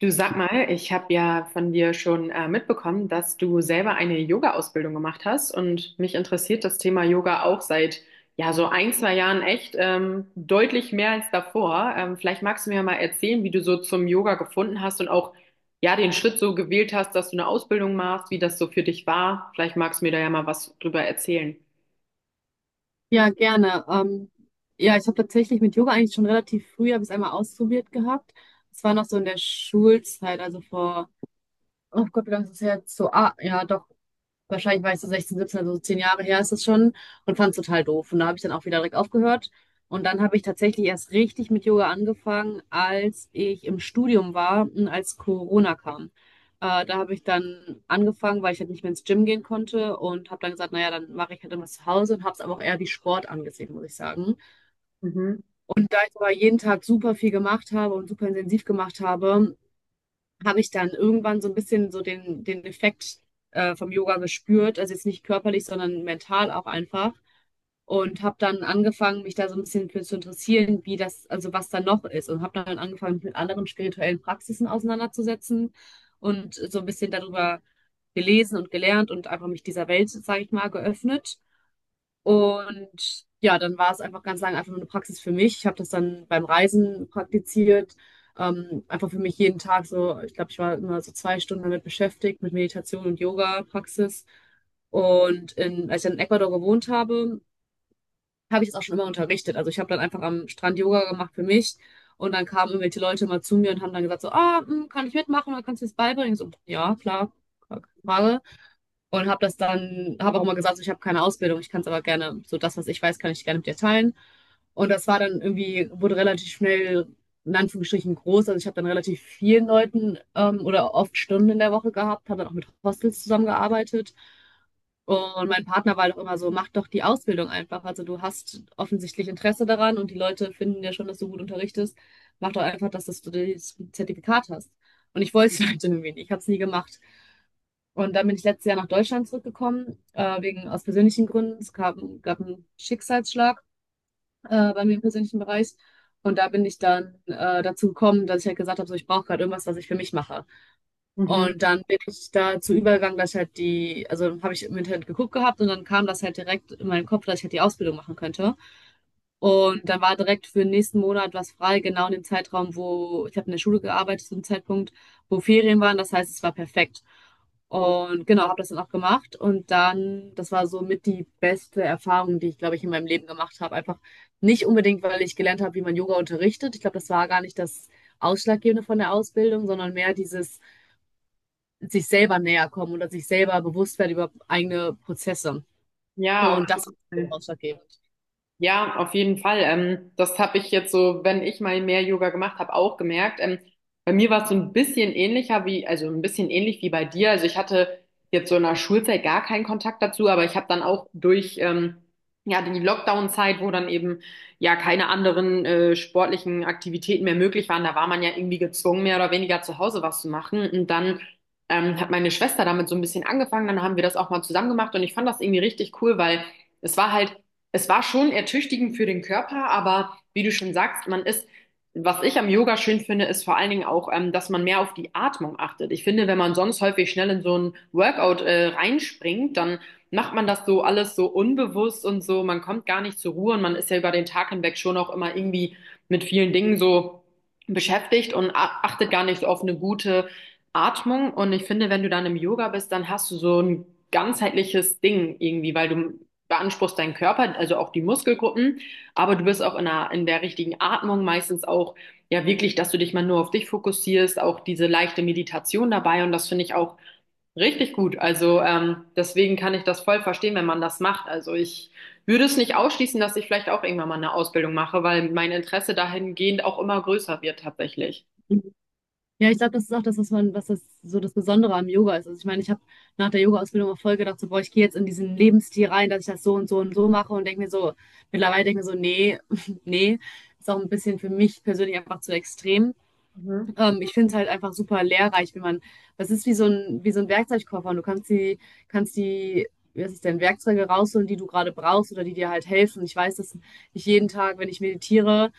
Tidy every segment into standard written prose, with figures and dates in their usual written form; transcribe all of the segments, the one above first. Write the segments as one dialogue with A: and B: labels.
A: Du, sag mal, ich habe ja von dir schon mitbekommen, dass du selber eine Yoga-Ausbildung gemacht hast und mich interessiert das Thema Yoga auch seit ja so ein, zwei Jahren echt deutlich mehr als davor. Vielleicht magst du mir mal erzählen, wie du so zum Yoga gefunden hast und auch ja den Schritt so gewählt hast, dass du eine Ausbildung machst, wie das so für dich war. Vielleicht magst du mir da ja mal was drüber erzählen.
B: Ja, gerne. Ja, ich habe tatsächlich mit Yoga eigentlich schon relativ früh, habe ich es einmal ausprobiert gehabt. Es war noch so in der Schulzeit, also vor, oh Gott, wie lange ist das her? So, ja, doch. Wahrscheinlich war ich so 16, 17, also so 10 Jahre her ist es schon und fand es total doof. Und da habe ich dann auch wieder direkt aufgehört. Und dann habe ich tatsächlich erst richtig mit Yoga angefangen, als ich im Studium war und als Corona kam. Da habe ich dann angefangen, weil ich halt nicht mehr ins Gym gehen konnte und habe dann gesagt, naja, dann mache ich halt immer zu Hause und habe es aber auch eher wie Sport angesehen, muss ich sagen.
A: Mhm.
B: Weil ich aber jeden Tag super viel gemacht habe und super intensiv gemacht habe, habe ich dann irgendwann so ein bisschen so den Effekt vom Yoga gespürt. Also jetzt nicht körperlich, sondern mental auch einfach. Und habe dann angefangen, mich da so ein bisschen für zu interessieren, wie das, also was da noch ist. Und habe dann angefangen, mich mit anderen spirituellen Praxisen auseinanderzusetzen und so ein bisschen darüber gelesen und gelernt und einfach mich dieser Welt, sage ich mal, geöffnet. Und ja, dann war es einfach ganz lange einfach nur eine Praxis für mich. Ich habe das dann beim Reisen praktiziert. Einfach für mich jeden Tag so, ich glaube, ich war immer so 2 Stunden damit beschäftigt, mit Meditation und Yoga-Praxis. Und in, als ich dann in Ecuador gewohnt habe, habe ich das auch schon immer unterrichtet. Also ich habe dann einfach am Strand Yoga gemacht für mich. Und dann kamen irgendwelche Leute mal zu mir und haben dann gesagt so, kann ich mitmachen oder kannst du mir das beibringen? Ich So, ja, klar, keine Frage. Und habe das dann, habe auch immer gesagt, so, ich habe keine Ausbildung, ich kann es aber gerne, so das, was ich weiß, kann ich gerne mit dir teilen. Und das war dann irgendwie, wurde relativ schnell, in Anführungsstrichen, groß. Also ich habe dann relativ vielen Leuten oder oft Stunden in der Woche gehabt, habe dann auch mit Hostels zusammengearbeitet. Und mein Partner war doch immer so, mach doch die Ausbildung einfach. Also du hast offensichtlich Interesse daran und die Leute finden ja schon, dass du gut unterrichtest. Mach doch einfach, dass du das Zertifikat hast. Und ich wollte es halt irgendwie nicht. Ich habe es nie gemacht. Und dann bin ich letztes Jahr nach Deutschland zurückgekommen, wegen aus persönlichen Gründen. Es gab einen Schicksalsschlag bei mir im persönlichen Bereich. Und da bin ich dann dazu gekommen, dass ich halt gesagt habe, so, ich brauche gerade irgendwas, was ich für mich mache.
A: Mhm.
B: Und dann bin ich dazu übergegangen, dass ich halt also habe ich im Internet geguckt gehabt und dann kam das halt direkt in meinen Kopf, dass ich halt die Ausbildung machen könnte. Und dann war direkt für den nächsten Monat was frei, genau in dem Zeitraum, wo ich habe in der Schule gearbeitet, zu dem Zeitpunkt, wo Ferien waren. Das heißt, es war perfekt.
A: Cool.
B: Und genau, habe das dann auch gemacht. Und dann, das war so mit die beste Erfahrung, die ich, glaube ich, in meinem Leben gemacht habe. Einfach nicht unbedingt, weil ich gelernt habe, wie man Yoga unterrichtet. Ich glaube, das war gar nicht das Ausschlaggebende von der Ausbildung, sondern mehr dieses sich selber näher kommen oder sich selber bewusst werden über eigene Prozesse.
A: Ja, auf
B: Und das ist
A: jeden
B: so
A: Fall.
B: ausschlaggebend.
A: Ja, auf jeden Fall. Das habe ich jetzt so, wenn ich mal mehr Yoga gemacht habe, auch gemerkt. Bei mir war es so ein bisschen ähnlicher wie, also ein bisschen ähnlich wie bei dir. Also ich hatte jetzt so in der Schulzeit gar keinen Kontakt dazu, aber ich habe dann auch durch ja die Lockdown-Zeit, wo dann eben ja keine anderen sportlichen Aktivitäten mehr möglich waren. Da war man ja irgendwie gezwungen, mehr oder weniger zu Hause was zu machen. Und dann hat meine Schwester damit so ein bisschen angefangen. Dann haben wir das auch mal zusammen gemacht und ich fand das irgendwie richtig cool, weil es war halt, es war schon ertüchtigend für den Körper, aber wie du schon sagst, man ist, was ich am Yoga schön finde, ist vor allen Dingen auch, dass man mehr auf die Atmung achtet. Ich finde, wenn man sonst häufig schnell in so ein Workout, reinspringt, dann macht man das so alles so unbewusst und so, man kommt gar nicht zur Ruhe und man ist ja über den Tag hinweg schon auch immer irgendwie mit vielen Dingen so beschäftigt und achtet gar nicht so auf eine gute Atmung. Und ich finde, wenn du dann im Yoga bist, dann hast du so ein ganzheitliches Ding irgendwie, weil du beanspruchst deinen Körper, also auch die Muskelgruppen, aber du bist auch in der richtigen Atmung meistens auch, ja, wirklich, dass du dich mal nur auf dich fokussierst, auch diese leichte Meditation dabei, und das finde ich auch richtig gut. Also deswegen kann ich das voll verstehen, wenn man das macht. Also ich würde es nicht ausschließen, dass ich vielleicht auch irgendwann mal eine Ausbildung mache, weil mein Interesse dahingehend auch immer größer wird tatsächlich.
B: Ja, ich glaube, das ist auch das, was man, was das so das Besondere am Yoga ist. Also ich meine, ich habe nach der Yoga-Ausbildung auch voll gedacht, so, boah, ich gehe jetzt in diesen Lebensstil rein, dass ich das so und so und so mache und denke mir so, mittlerweile denke ich mir so, nee, nee, ist auch ein bisschen für mich persönlich einfach zu extrem.
A: Mhm.
B: Ich finde es halt einfach super lehrreich, wenn man, das ist wie so ein Werkzeugkoffer und du kannst die, was ist denn, Werkzeuge rausholen, die du gerade brauchst oder die dir halt helfen. Ich weiß, dass ich jeden Tag, wenn ich meditiere,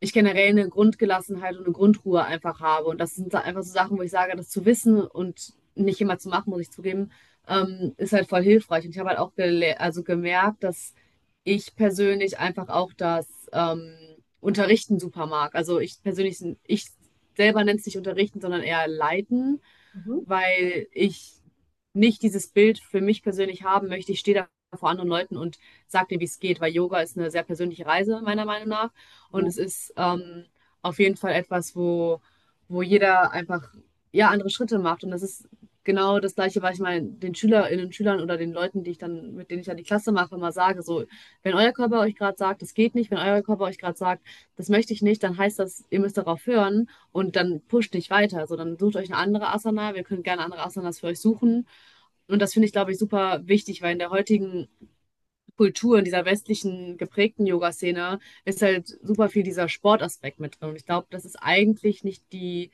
B: ich generell eine Grundgelassenheit und eine Grundruhe einfach habe. Und das sind einfach so Sachen, wo ich sage, das zu wissen und nicht immer zu machen, muss ich zugeben, ist halt voll hilfreich. Und ich habe halt auch also gemerkt, dass ich persönlich einfach auch das ähm, Unterrichten super mag. Also ich persönlich, ich selber nenne es nicht Unterrichten, sondern eher Leiten, weil ich nicht dieses Bild für mich persönlich haben möchte. Ich stehe da vor anderen Leuten und sage dir, wie es geht, weil Yoga ist eine sehr persönliche Reise, meiner Meinung nach. Und
A: Mhm.
B: es ist auf jeden Fall etwas, wo jeder einfach ja, andere Schritte macht. Und das ist genau das Gleiche, was ich meinen den Schülerinnen, Schülern oder den Leuten, die ich dann, mit denen ich dann die Klasse mache, immer sage. So, wenn euer Körper euch gerade sagt, das geht nicht, wenn euer Körper euch gerade sagt, das möchte ich nicht, dann heißt das, ihr müsst darauf hören und dann pusht nicht weiter. So, dann sucht euch eine andere Asana. Wir können gerne andere Asanas für euch suchen. Und das finde ich, glaube ich, super wichtig, weil in der heutigen Kultur, in dieser westlichen geprägten Yoga-Szene ist halt super viel dieser Sportaspekt mit drin. Und ich glaube, das ist eigentlich nicht die,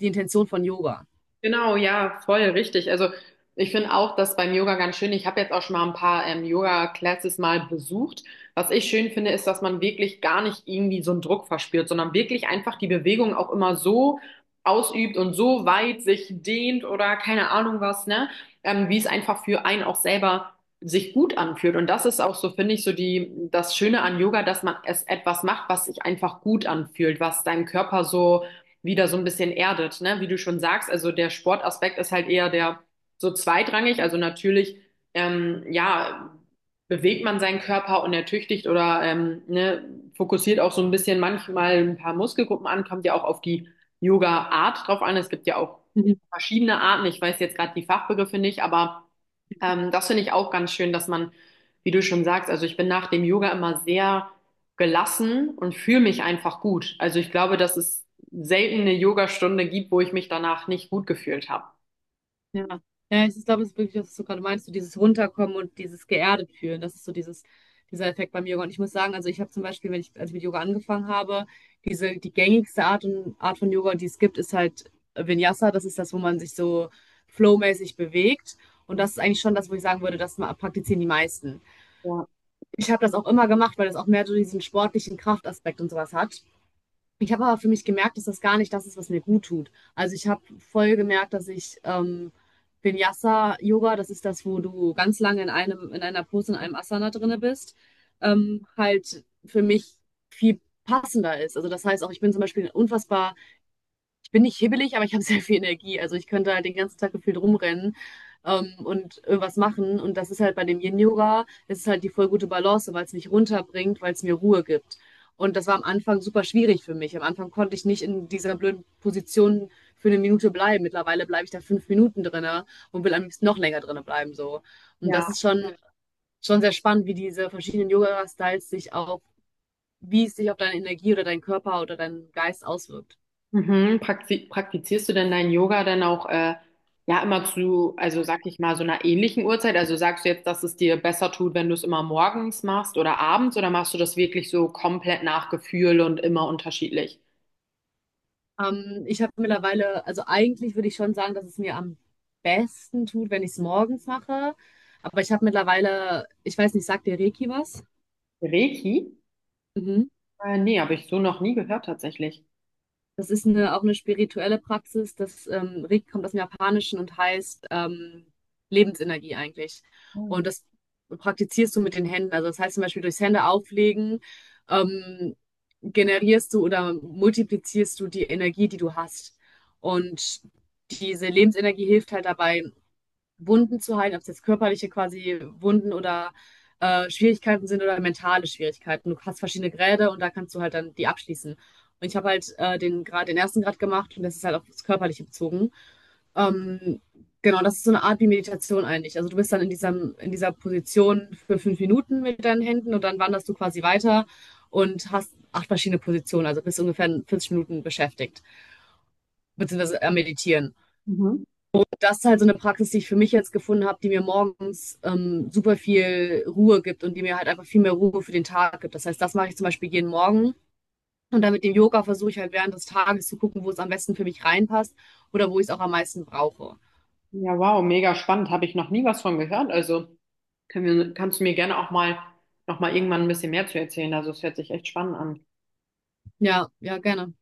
B: die Intention von Yoga.
A: Genau, ja, voll richtig. Also ich finde auch das beim Yoga ganz schön. Ich habe jetzt auch schon mal ein paar Yoga-Classes mal besucht. Was ich schön finde, ist, dass man wirklich gar nicht irgendwie so einen Druck verspürt, sondern wirklich einfach die Bewegung auch immer so ausübt und so weit sich dehnt oder keine Ahnung was, ne? Wie es einfach für einen auch selber sich gut anfühlt. Und das ist auch so, finde ich, so die, das Schöne an Yoga, dass man es etwas macht, was sich einfach gut anfühlt, was deinem Körper so wieder so ein bisschen erdet, ne? Wie du schon sagst, also der Sportaspekt ist halt eher der so zweitrangig. Also natürlich, ja, bewegt man seinen Körper und ertüchtigt oder ne, fokussiert auch so ein bisschen manchmal ein paar Muskelgruppen an, kommt ja auch auf die Yoga-Art drauf an. Es gibt ja auch
B: Mhm.
A: verschiedene Arten. Ich weiß jetzt gerade die Fachbegriffe nicht, aber das finde ich auch ganz schön, dass man, wie du schon sagst, also ich bin nach dem Yoga immer sehr gelassen und fühle mich einfach gut. Also ich glaube, dass es selten eine Yogastunde gibt, wo ich mich danach nicht gut gefühlt habe.
B: Ja. Ja, ich glaube, es ist wirklich, was du gerade meinst, so dieses Runterkommen und dieses geerdet fühlen. Das ist so dieses, dieser Effekt beim Yoga. Und ich muss sagen, also ich habe zum Beispiel, wenn ich, als ich mit Yoga angefangen habe, die gängigste Art von Yoga, die es gibt, ist halt Vinyasa. Das ist das, wo man sich so flowmäßig bewegt. Und das ist eigentlich schon das, wo ich sagen würde, das praktizieren die meisten.
A: Ja.
B: Ich habe das auch immer gemacht, weil das auch mehr so diesen sportlichen Kraftaspekt und sowas hat. Ich habe aber für mich gemerkt, dass das gar nicht das ist, was mir gut tut. Also ich habe voll gemerkt, dass ich Vinyasa-Yoga, das ist das, wo du ganz lange in einer Pose, in einem Asana drinne bist, halt für mich viel passender ist. Also das heißt auch, ich bin zum Beispiel ein unfassbar bin nicht hibbelig, aber ich habe sehr viel Energie. Also ich könnte halt den ganzen Tag gefühlt rumrennen und irgendwas machen. Und das ist halt bei dem Yin-Yoga, es ist halt die voll gute Balance, weil es mich runterbringt, weil es mir Ruhe gibt. Und das war am Anfang super schwierig für mich. Am Anfang konnte ich nicht in dieser blöden Position für eine Minute bleiben. Mittlerweile bleibe ich da 5 Minuten drinne und will am liebsten noch länger drinne bleiben, so. Und das
A: Ja.
B: ist schon sehr spannend, wie diese verschiedenen Yoga-Styles sich auch, wie es sich auf deine Energie oder deinen Körper oder deinen Geist auswirkt.
A: Mhm. Praktizierst du denn dein Yoga dann auch ja immer zu, also sag ich mal, so einer ähnlichen Uhrzeit? Also sagst du jetzt, dass es dir besser tut, wenn du es immer morgens machst oder abends, oder machst du das wirklich so komplett nach Gefühl und immer unterschiedlich?
B: Ich habe mittlerweile, also eigentlich würde ich schon sagen, dass es mir am besten tut, wenn ich es morgens mache. Aber ich habe mittlerweile, ich weiß nicht, sagt dir Reiki was?
A: Reiki?
B: Mhm.
A: Nee, habe ich so noch nie gehört tatsächlich.
B: Das ist eine, auch eine spirituelle Praxis. Das Reiki kommt aus dem Japanischen und heißt Lebensenergie eigentlich. Und
A: Hm.
B: das praktizierst du mit den Händen. Also das heißt zum Beispiel durchs Hände auflegen ähm, generierst du oder multiplizierst du die Energie, die du hast. Und diese Lebensenergie hilft halt dabei, Wunden zu heilen, ob es jetzt körperliche quasi Wunden oder Schwierigkeiten sind oder mentale Schwierigkeiten. Du hast verschiedene Grade und da kannst du halt dann die abschließen. Und ich habe halt den Grad, den ersten Grad gemacht und das ist halt auf das Körperliche bezogen. Ähm, genau, das ist so eine Art wie Meditation eigentlich. Also du bist dann in dieser Position für 5 Minuten mit deinen Händen und dann wanderst du quasi weiter und hast acht verschiedene Positionen, also bist ungefähr 40 Minuten beschäftigt, beziehungsweise am Meditieren
A: Mhm.
B: das ist halt so eine Praxis, die ich für mich jetzt gefunden habe, die mir morgens super viel Ruhe gibt und die mir halt einfach viel mehr Ruhe für den Tag gibt. Das heißt, das mache ich zum Beispiel jeden Morgen. Und dann mit dem Yoga versuche ich halt während des Tages zu gucken, wo es am besten für mich reinpasst oder wo ich es auch am meisten brauche.
A: Ja, wow, mega spannend. Habe ich noch nie was von gehört. Also können wir, kannst du mir gerne auch mal noch mal irgendwann ein bisschen mehr zu erzählen. Also es hört sich echt spannend an.
B: Ja, ja, gerne.